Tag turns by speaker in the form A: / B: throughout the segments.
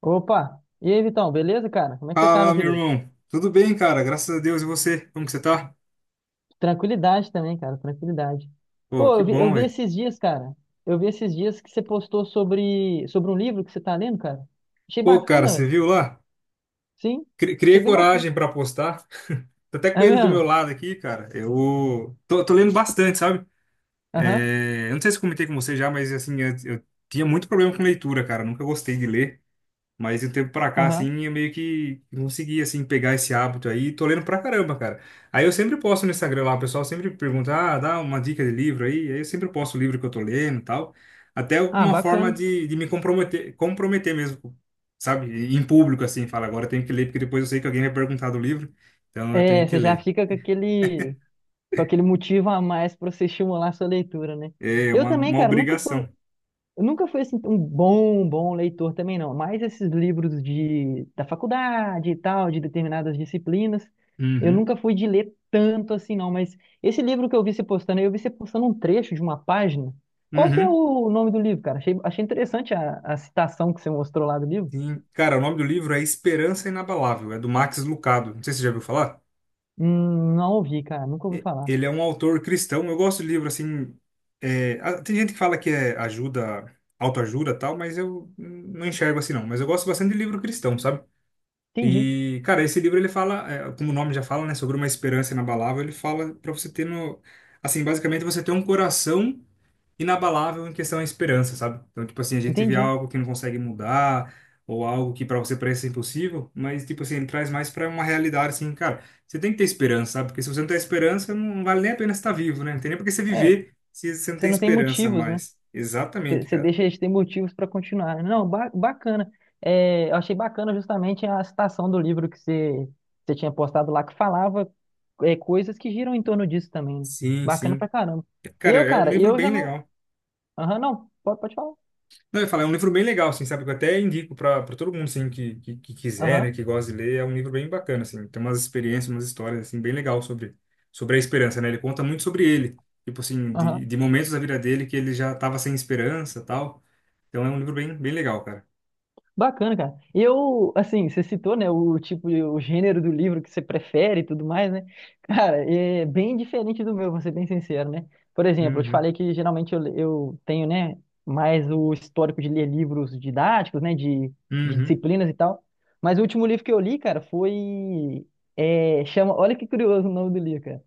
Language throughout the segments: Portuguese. A: Opa! E aí, Vitão, beleza, cara? Como é que você tá,
B: Fala,
A: meu
B: meu
A: querido?
B: irmão. Tudo bem, cara? Graças a Deus. E você? Como que você tá?
A: Tranquilidade também, cara, tranquilidade.
B: Pô,
A: Pô,
B: que
A: eu vi, eu
B: bom,
A: vi
B: velho.
A: esses dias, cara. Eu vi esses dias que você postou sobre um livro que você tá lendo, cara. Achei
B: Pô, cara,
A: bacana,
B: você
A: velho.
B: viu lá?
A: Sim,
B: Cri-
A: achei
B: Criei
A: bem bacana.
B: coragem pra apostar. Tô até
A: É
B: com ele do meu
A: mesmo?
B: lado aqui, cara. Eu tô lendo bastante, sabe?
A: Aham,
B: É, eu não sei se comentei com você já, mas assim, eu tinha muito problema com leitura, cara. Nunca gostei de ler. Mas de um tempo pra cá,
A: aham.
B: assim, eu meio que consegui, assim, pegar esse hábito aí. Tô lendo pra caramba, cara. Aí eu sempre posto no Instagram lá, o pessoal sempre pergunta, ah, dá uma dica de livro aí. Aí eu sempre posto o livro que eu tô lendo e tal. Até
A: Ah,
B: uma forma
A: bacana.
B: de me comprometer, comprometer mesmo, sabe? Em público, assim, fala, agora eu tenho que ler, porque depois eu sei que alguém vai perguntar do livro. Então eu tenho
A: É,
B: que
A: você já
B: ler.
A: fica com com aquele motivo a mais pra você estimular a sua leitura, né?
B: É
A: Eu
B: uma,
A: também,
B: uma
A: cara, nunca fui.
B: obrigação.
A: Eu nunca fui assim um bom leitor também não, mas esses livros de da faculdade e tal, de determinadas disciplinas, eu
B: Uhum.
A: nunca fui de ler tanto assim não, mas esse livro que eu vi você postando, aí, eu vi você postando um trecho de uma página. Qual que é
B: Uhum.
A: o nome do livro, cara? Achei interessante a citação que você mostrou lá do livro.
B: Sim. Cara, o nome do livro é Esperança Inabalável. É do Max Lucado. Não sei se você já ouviu falar.
A: Não ouvi, cara, nunca ouvi falar.
B: Ele é um autor cristão. Eu gosto de livro assim. É, tem gente que fala que é ajuda, autoajuda e tal, mas eu não enxergo assim não. Mas eu gosto bastante de livro cristão, sabe?
A: Entendi,
B: E, cara, esse livro ele fala, como o nome já fala, né, sobre uma esperança inabalável. Ele fala pra você ter no, assim, basicamente você ter um coração inabalável em questão à esperança, sabe? Então, tipo assim, a gente vê
A: entendi.
B: algo que não consegue mudar, ou algo que para você parece impossível, mas, tipo assim, ele traz mais para uma realidade, assim, cara, você tem que ter esperança, sabe? Porque se você não tem esperança, não vale nem a pena estar vivo, né? Não tem nem por que você
A: É,
B: viver se você não
A: você
B: tem
A: não tem
B: esperança
A: motivos, né?
B: mais. Exatamente,
A: Você
B: cara.
A: deixa eles ter motivos para continuar. Não, bacana. É, eu achei bacana justamente a citação do livro que você tinha postado lá, que falava coisas que giram em torno disso também. Né?
B: Sim,
A: Bacana
B: sim.
A: pra caramba.
B: Cara,
A: Eu,
B: é um
A: cara,
B: livro
A: eu
B: bem
A: já não.
B: legal.
A: Aham, não. Pode falar.
B: Não, eu ia falar, é um livro bem legal, assim, sabe? Que eu até indico pra todo mundo, assim, que quiser, né?
A: Aham,
B: Que gosta de ler. É um livro bem bacana, assim. Tem umas experiências, umas histórias, assim, bem legal sobre a esperança, né? Ele conta muito sobre ele. Tipo assim,
A: aham.
B: de momentos da vida dele que ele já tava sem esperança tal. Então é um livro bem, bem legal, cara.
A: Bacana, cara. Eu, assim, você citou, né, o tipo, o gênero do livro que você prefere e tudo mais, né? Cara, é bem diferente do meu, vou ser bem sincero, né? Por exemplo, eu te
B: Uhum.
A: falei que geralmente eu tenho, né, mais o histórico de ler livros didáticos, né, de
B: Uhum.
A: disciplinas e tal. Mas o último livro que eu li, cara, foi, chama, olha que curioso o nome do livro, cara.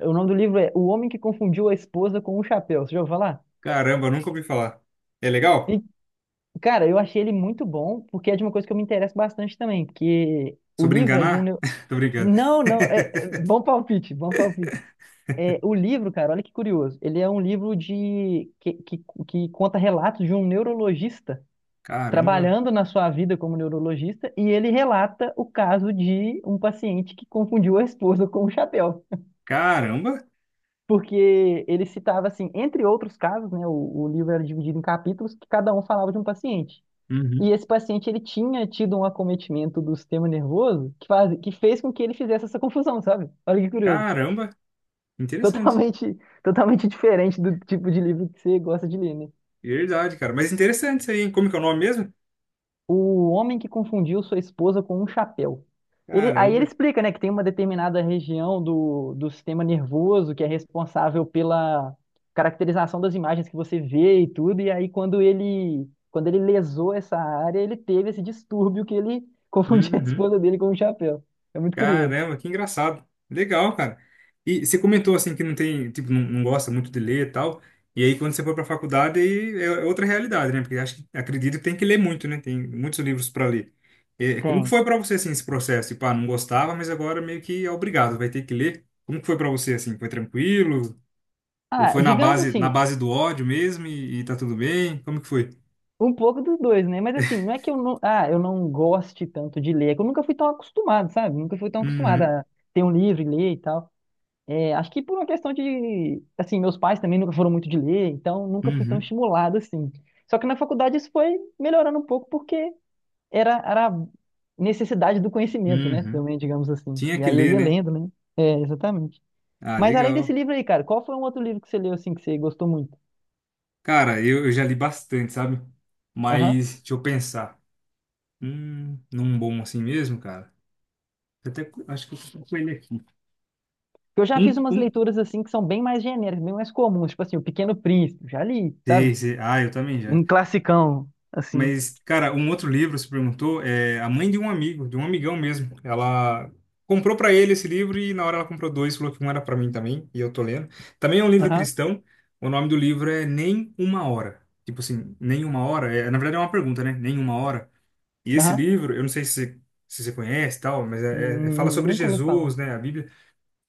A: O nome do livro é O Homem que Confundiu a Esposa com o Chapéu. Você já ouviu falar?
B: Caramba, nunca ouvi falar. É legal?
A: Cara, eu achei ele muito bom, porque é de uma coisa que eu me interesso bastante também, porque o
B: Sobre
A: livro é de um...
B: enganar? Tô brincando.
A: Não, não, bom palpite, bom palpite. É, o livro, cara, olha que curioso, ele é um livro que conta relatos de um neurologista
B: Caramba.
A: trabalhando na sua vida como neurologista, e ele relata o caso de um paciente que confundiu a esposa com o chapéu.
B: Caramba.
A: Porque ele citava, assim, entre outros casos, né, o livro era dividido em capítulos, que cada um falava de um paciente.
B: Uhum.
A: E esse paciente ele tinha tido um acometimento do sistema nervoso que fez com que ele fizesse essa confusão, sabe? Olha que curioso.
B: Caramba. Interessante.
A: Totalmente, totalmente diferente do tipo de livro que você gosta de ler, né?
B: Verdade, cara. Mas interessante isso aí, hein? Como que é o nome mesmo?
A: O homem que confundiu sua esposa com um chapéu. Ele, aí
B: Caramba.
A: ele explica, né, que tem uma determinada região do sistema nervoso que é responsável pela caracterização das imagens que você vê e tudo. E aí quando ele lesou essa área, ele teve esse distúrbio que ele confundia a
B: Uhum.
A: esposa dele com um chapéu. É muito curioso.
B: Caramba, que engraçado. Legal, cara. E você comentou assim que não tem, tipo, não, não gosta muito de ler e tal. E aí quando você foi para a faculdade aí é outra realidade, né? Porque acho que acredito que tem que ler muito, né? Tem muitos livros para ler. É, como que
A: Tem.
B: foi para você assim esse processo? Tipo, ah, não gostava, mas agora meio que é obrigado, vai ter que ler. Como que foi para você assim? Foi tranquilo? Ou
A: Ah,
B: foi na
A: digamos
B: base na
A: assim,
B: base do ódio mesmo e tá tudo bem? Como que foi?
A: um pouco dos dois, né? Mas assim, não é que eu não, ah, eu não goste tanto de ler, é que eu nunca fui tão acostumado, sabe? Nunca fui tão acostumado
B: Uhum.
A: a ter um livro e ler e tal. É, acho que por uma questão de, assim, meus pais também nunca foram muito de ler, então nunca fui tão
B: Uhum.
A: estimulado assim. Só que na faculdade isso foi melhorando um pouco porque era a necessidade do conhecimento, né?
B: Uhum.
A: Também, digamos assim.
B: Tinha
A: E
B: que
A: aí eu
B: ler,
A: ia
B: né?
A: lendo, né? É, exatamente.
B: Ah,
A: Mas além desse
B: legal.
A: livro aí, cara, qual foi um outro livro que você leu assim que você gostou muito?
B: Cara, eu já li bastante, sabe?
A: Aham.
B: Mas deixa eu pensar. Num bom assim mesmo, cara. Eu até acho que eu tô com ele aqui.
A: Porque eu já
B: Um,
A: fiz umas
B: um.
A: leituras assim que são bem mais genéricas, bem mais comuns, tipo assim, O Pequeno Príncipe, já li,
B: Sei,
A: sabe?
B: sei. Ah, eu também já.
A: Um classicão, assim.
B: Mas, cara, um outro livro, você perguntou, é a mãe de um amigo, de um amigão mesmo. Ela comprou pra ele esse livro e na hora ela comprou dois, falou que um era pra mim também, e eu tô lendo. Também é um livro
A: Aham,
B: cristão. O nome do livro é Nem Uma Hora. Tipo assim, nem uma hora. É, na verdade é uma pergunta, né? Nem uma hora. E esse
A: aham.
B: livro, eu não sei se você conhece e tal, mas fala sobre
A: Nunca ouvi falar.
B: Jesus, né? A Bíblia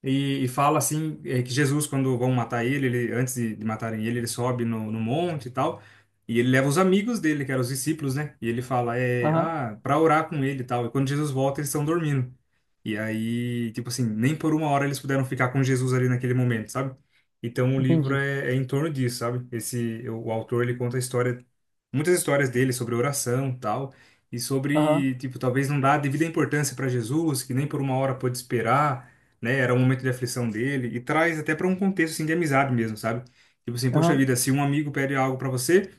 B: e fala assim, que Jesus, quando vão matar ele, ele antes de matarem ele, ele sobe no monte e tal, e ele leva os amigos dele, que eram os discípulos, né? E ele fala,
A: Aham,
B: para orar com ele e tal. E quando Jesus volta, eles estão dormindo. E aí, tipo assim, nem por uma hora eles puderam ficar com Jesus ali naquele momento, sabe? Então o livro
A: entendi.
B: é em torno disso, sabe? O autor, ele conta a história, muitas histórias dele sobre oração e tal, e
A: Aham,
B: sobre, tipo, talvez não dar a devida importância para Jesus, que nem por uma hora pôde esperar, né? Era um momento de aflição dele e traz até para um contexto assim de amizade mesmo, sabe? Tipo assim, poxa
A: aham,
B: vida, se um amigo pede algo para você,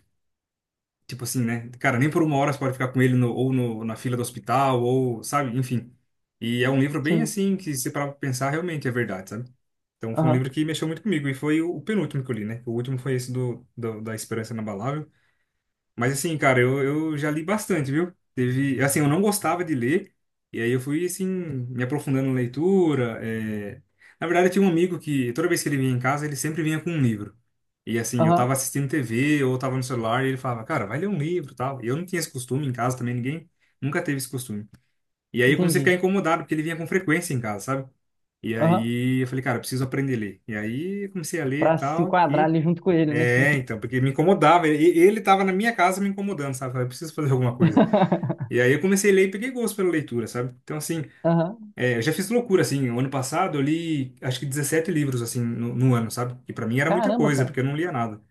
B: tipo assim, né? Cara, nem por uma hora você pode ficar com ele no, ou no, na fila do hospital ou, sabe? Enfim. E é um livro bem
A: sim,
B: assim que se para pensar realmente é verdade, sabe? Então foi um
A: aham,
B: livro que mexeu muito comigo e foi o penúltimo que eu li, né? O último foi esse do, do da Esperança Inabalável. Mas assim, cara, eu já li bastante, viu? Teve, assim, eu não gostava de ler, e aí eu fui, assim, me aprofundando na leitura. É. Na verdade, eu tinha um amigo que, toda vez que ele vinha em casa, ele sempre vinha com um livro. E assim, eu
A: aham,
B: tava assistindo TV ou tava no celular, e ele falava, cara, vai ler um livro e tal. E eu não tinha esse costume em casa também, ninguém nunca teve esse costume. E aí eu comecei a ficar
A: entendi.
B: incomodado, porque ele vinha com frequência em casa, sabe? E
A: Aham,
B: aí eu falei, cara, eu preciso aprender a ler. E aí eu comecei a ler e
A: pra se
B: tal,
A: enquadrar ali junto com ele, né?
B: então, porque me incomodava. Ele tava na minha casa me incomodando, sabe? Eu falei, preciso fazer alguma coisa. E aí eu comecei a ler e peguei gosto pela leitura, sabe? Então, assim,
A: Aham,
B: eu já fiz loucura, assim. O ano passado eu li, acho que 17 livros, assim, no ano, sabe? Que pra mim era muita
A: caramba,
B: coisa,
A: cara.
B: porque eu não lia nada.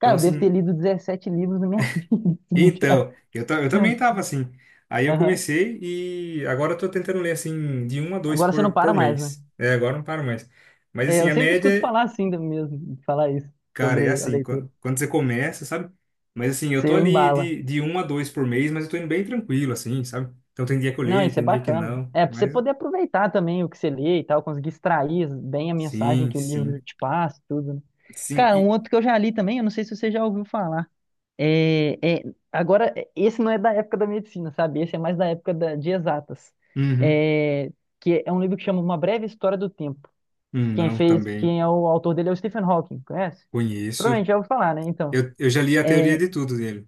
B: Então,
A: eu devo ter
B: assim,
A: lido 17 livros na minha vida. Se bobear.
B: então, eu também tava assim. Aí eu
A: Aham,
B: comecei e agora eu tô tentando ler, assim, de um a dois
A: agora você não
B: por
A: para mais, né?
B: mês. É, agora não paro mais. Mas,
A: É,
B: assim,
A: eu
B: a
A: sempre escuto
B: média
A: falar assim do mesmo, falar isso,
B: cara, é
A: sobre a
B: assim,
A: leitura.
B: quando você começa, sabe? Mas assim, eu tô
A: Você
B: ali
A: embala.
B: de um a dois por mês, mas eu tô indo bem tranquilo, assim, sabe? Então tem dia que eu
A: Não,
B: leio,
A: isso é
B: tem dia que
A: bacana.
B: não,
A: É, pra você
B: mas
A: poder aproveitar também o que você lê e tal, conseguir extrair bem a mensagem
B: sim,
A: que o
B: sim,
A: livro te passa, e tudo, né?
B: sim,
A: Cara, um
B: e...
A: outro que eu já li também, eu não sei se você já ouviu falar. É, agora, é, esse não é da época da medicina, sabe? Esse é mais da época de exatas.
B: Uhum.
A: É, que é um livro que chama Uma Breve História do Tempo. Quem
B: Não,
A: fez,
B: também
A: quem é o autor dele é o Stephen Hawking, conhece?
B: conheço.
A: Provavelmente já ouviu falar, né? Então,
B: Eu já li a teoria
A: é,
B: de tudo dele.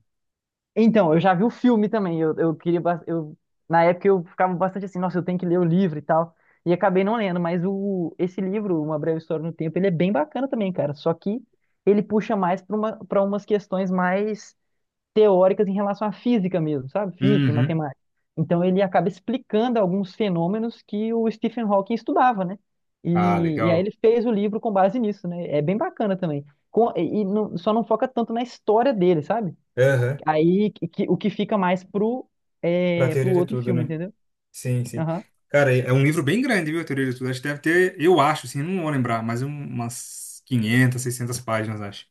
A: então eu já vi o filme também. Eu, na época eu ficava bastante assim, nossa, eu tenho que ler o livro e tal. E acabei não lendo, mas o, esse livro, Uma Breve História do Tempo, ele é bem bacana também, cara. Só que ele puxa mais para para umas questões mais teóricas em relação à física mesmo, sabe? Física e
B: Uhum.
A: matemática. Então ele acaba explicando alguns fenômenos que o Stephen Hawking estudava, né?
B: Ah,
A: E aí ele
B: legal.
A: fez o livro com base nisso, né? É bem bacana também. Só não foca tanto na história dele, sabe?
B: Aham,
A: O que fica mais pro,
B: pra
A: é, pro
B: teoria de
A: outro
B: tudo,
A: filme,
B: né?
A: entendeu?
B: Sim, sim.
A: Aham.
B: Cara, é um livro bem grande, viu, a teoria de tudo. Acho que deve ter, eu acho, assim, não vou lembrar, mas umas 500, 600 páginas, acho.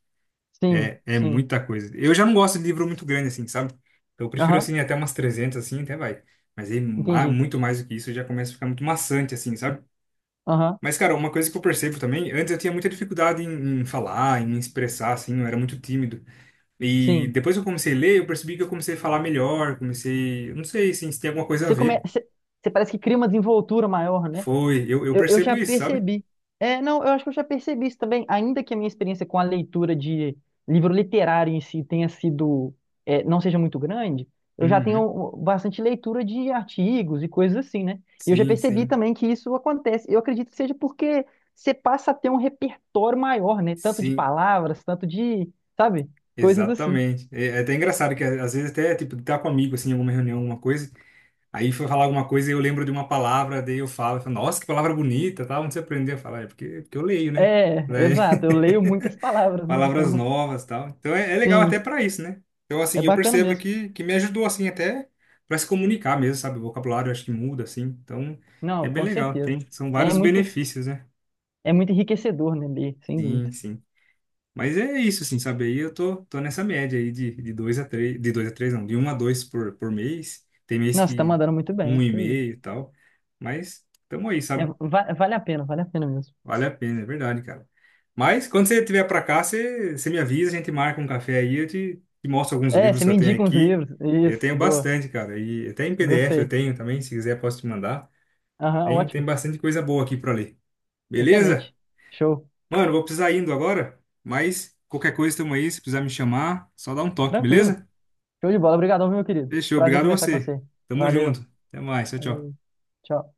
A: Sim,
B: É
A: sim.
B: muita coisa. Eu já não gosto de livro muito grande, assim, sabe? Então eu prefiro,
A: Aham.
B: assim, até umas 300 assim, até vai. Mas aí,
A: Entendi.
B: muito mais do que isso, já começa a ficar muito maçante, assim, sabe?
A: Aham.
B: Mas, cara, uma coisa que eu percebo também, antes eu tinha muita dificuldade em falar, em me expressar, assim, eu era muito tímido. E
A: Sim.
B: depois que eu comecei a ler, eu percebi que eu comecei a falar melhor, comecei. Eu não sei, assim, se tem alguma coisa a ver.
A: Você parece que cria uma desenvoltura maior, né?
B: Foi, eu
A: Eu
B: percebo
A: já
B: isso, sabe?
A: percebi. É, não, eu acho que eu já percebi isso também. Ainda que a minha experiência com a leitura de livro literário em si tenha sido, é, não seja muito grande, eu já
B: Uhum.
A: tenho bastante leitura de artigos e coisas assim, né? E eu já
B: Sim,
A: percebi
B: sim.
A: também que isso acontece. Eu acredito que seja porque você passa a ter um repertório maior, né? Tanto de
B: Sim,
A: palavras, tanto de, sabe? Coisas assim.
B: exatamente. É até engraçado que às vezes até, tipo, tá com um amigo, assim, em alguma reunião, alguma coisa. Aí foi falar alguma coisa e eu lembro de uma palavra, daí eu falo, nossa, que palavra bonita, tal, onde você aprendeu a falar? É porque eu leio, né?
A: É,
B: Daí,
A: exato. Eu leio muitas palavras, né?
B: palavras
A: Então,
B: novas, tal. Então é legal até
A: sim,
B: para isso, né? Então
A: é
B: assim, eu
A: bacana
B: percebo
A: mesmo.
B: que me ajudou assim até para se comunicar mesmo, sabe? O vocabulário eu acho que muda assim. Então é
A: Não,
B: bem
A: com
B: legal,
A: certeza.
B: tem, são
A: É
B: vários
A: muito.
B: benefícios, né?
A: É muito enriquecedor, né, ler, sem
B: Sim,
A: dúvida.
B: sim. Mas é isso, assim, sabe? Aí eu tô nessa média aí de dois a três, de dois a três não, de um a dois por mês. Tem mês
A: Nossa, tá
B: que
A: mandando muito bem.
B: um e
A: Que isso.
B: meio e tal. Mas tamo aí,
A: É,
B: sabe?
A: vale a pena mesmo.
B: Vale a pena, é verdade, cara. Mas quando você estiver pra cá, você me avisa, a gente marca um café aí, eu te mostro alguns
A: É,
B: livros
A: você
B: que
A: me
B: eu tenho
A: indica uns
B: aqui.
A: livros.
B: Eu
A: Isso,
B: tenho
A: boa.
B: bastante, cara. E até em PDF eu
A: Gostei.
B: tenho também, se quiser posso te mandar.
A: Aham,
B: Tem
A: ótimo.
B: bastante coisa boa aqui pra ler. Beleza?
A: Excelente. Show.
B: Mano, vou precisar indo agora, mas qualquer coisa estamos aí, se precisar me chamar, só dá um toque,
A: Tranquilo.
B: beleza?
A: Show de bola. Obrigadão, meu querido.
B: Fechou,
A: Prazer em
B: obrigado a
A: conversar com
B: você.
A: você.
B: Tamo junto.
A: Valeu.
B: Até mais, tchau,
A: Falou.
B: tchau.
A: Tchau.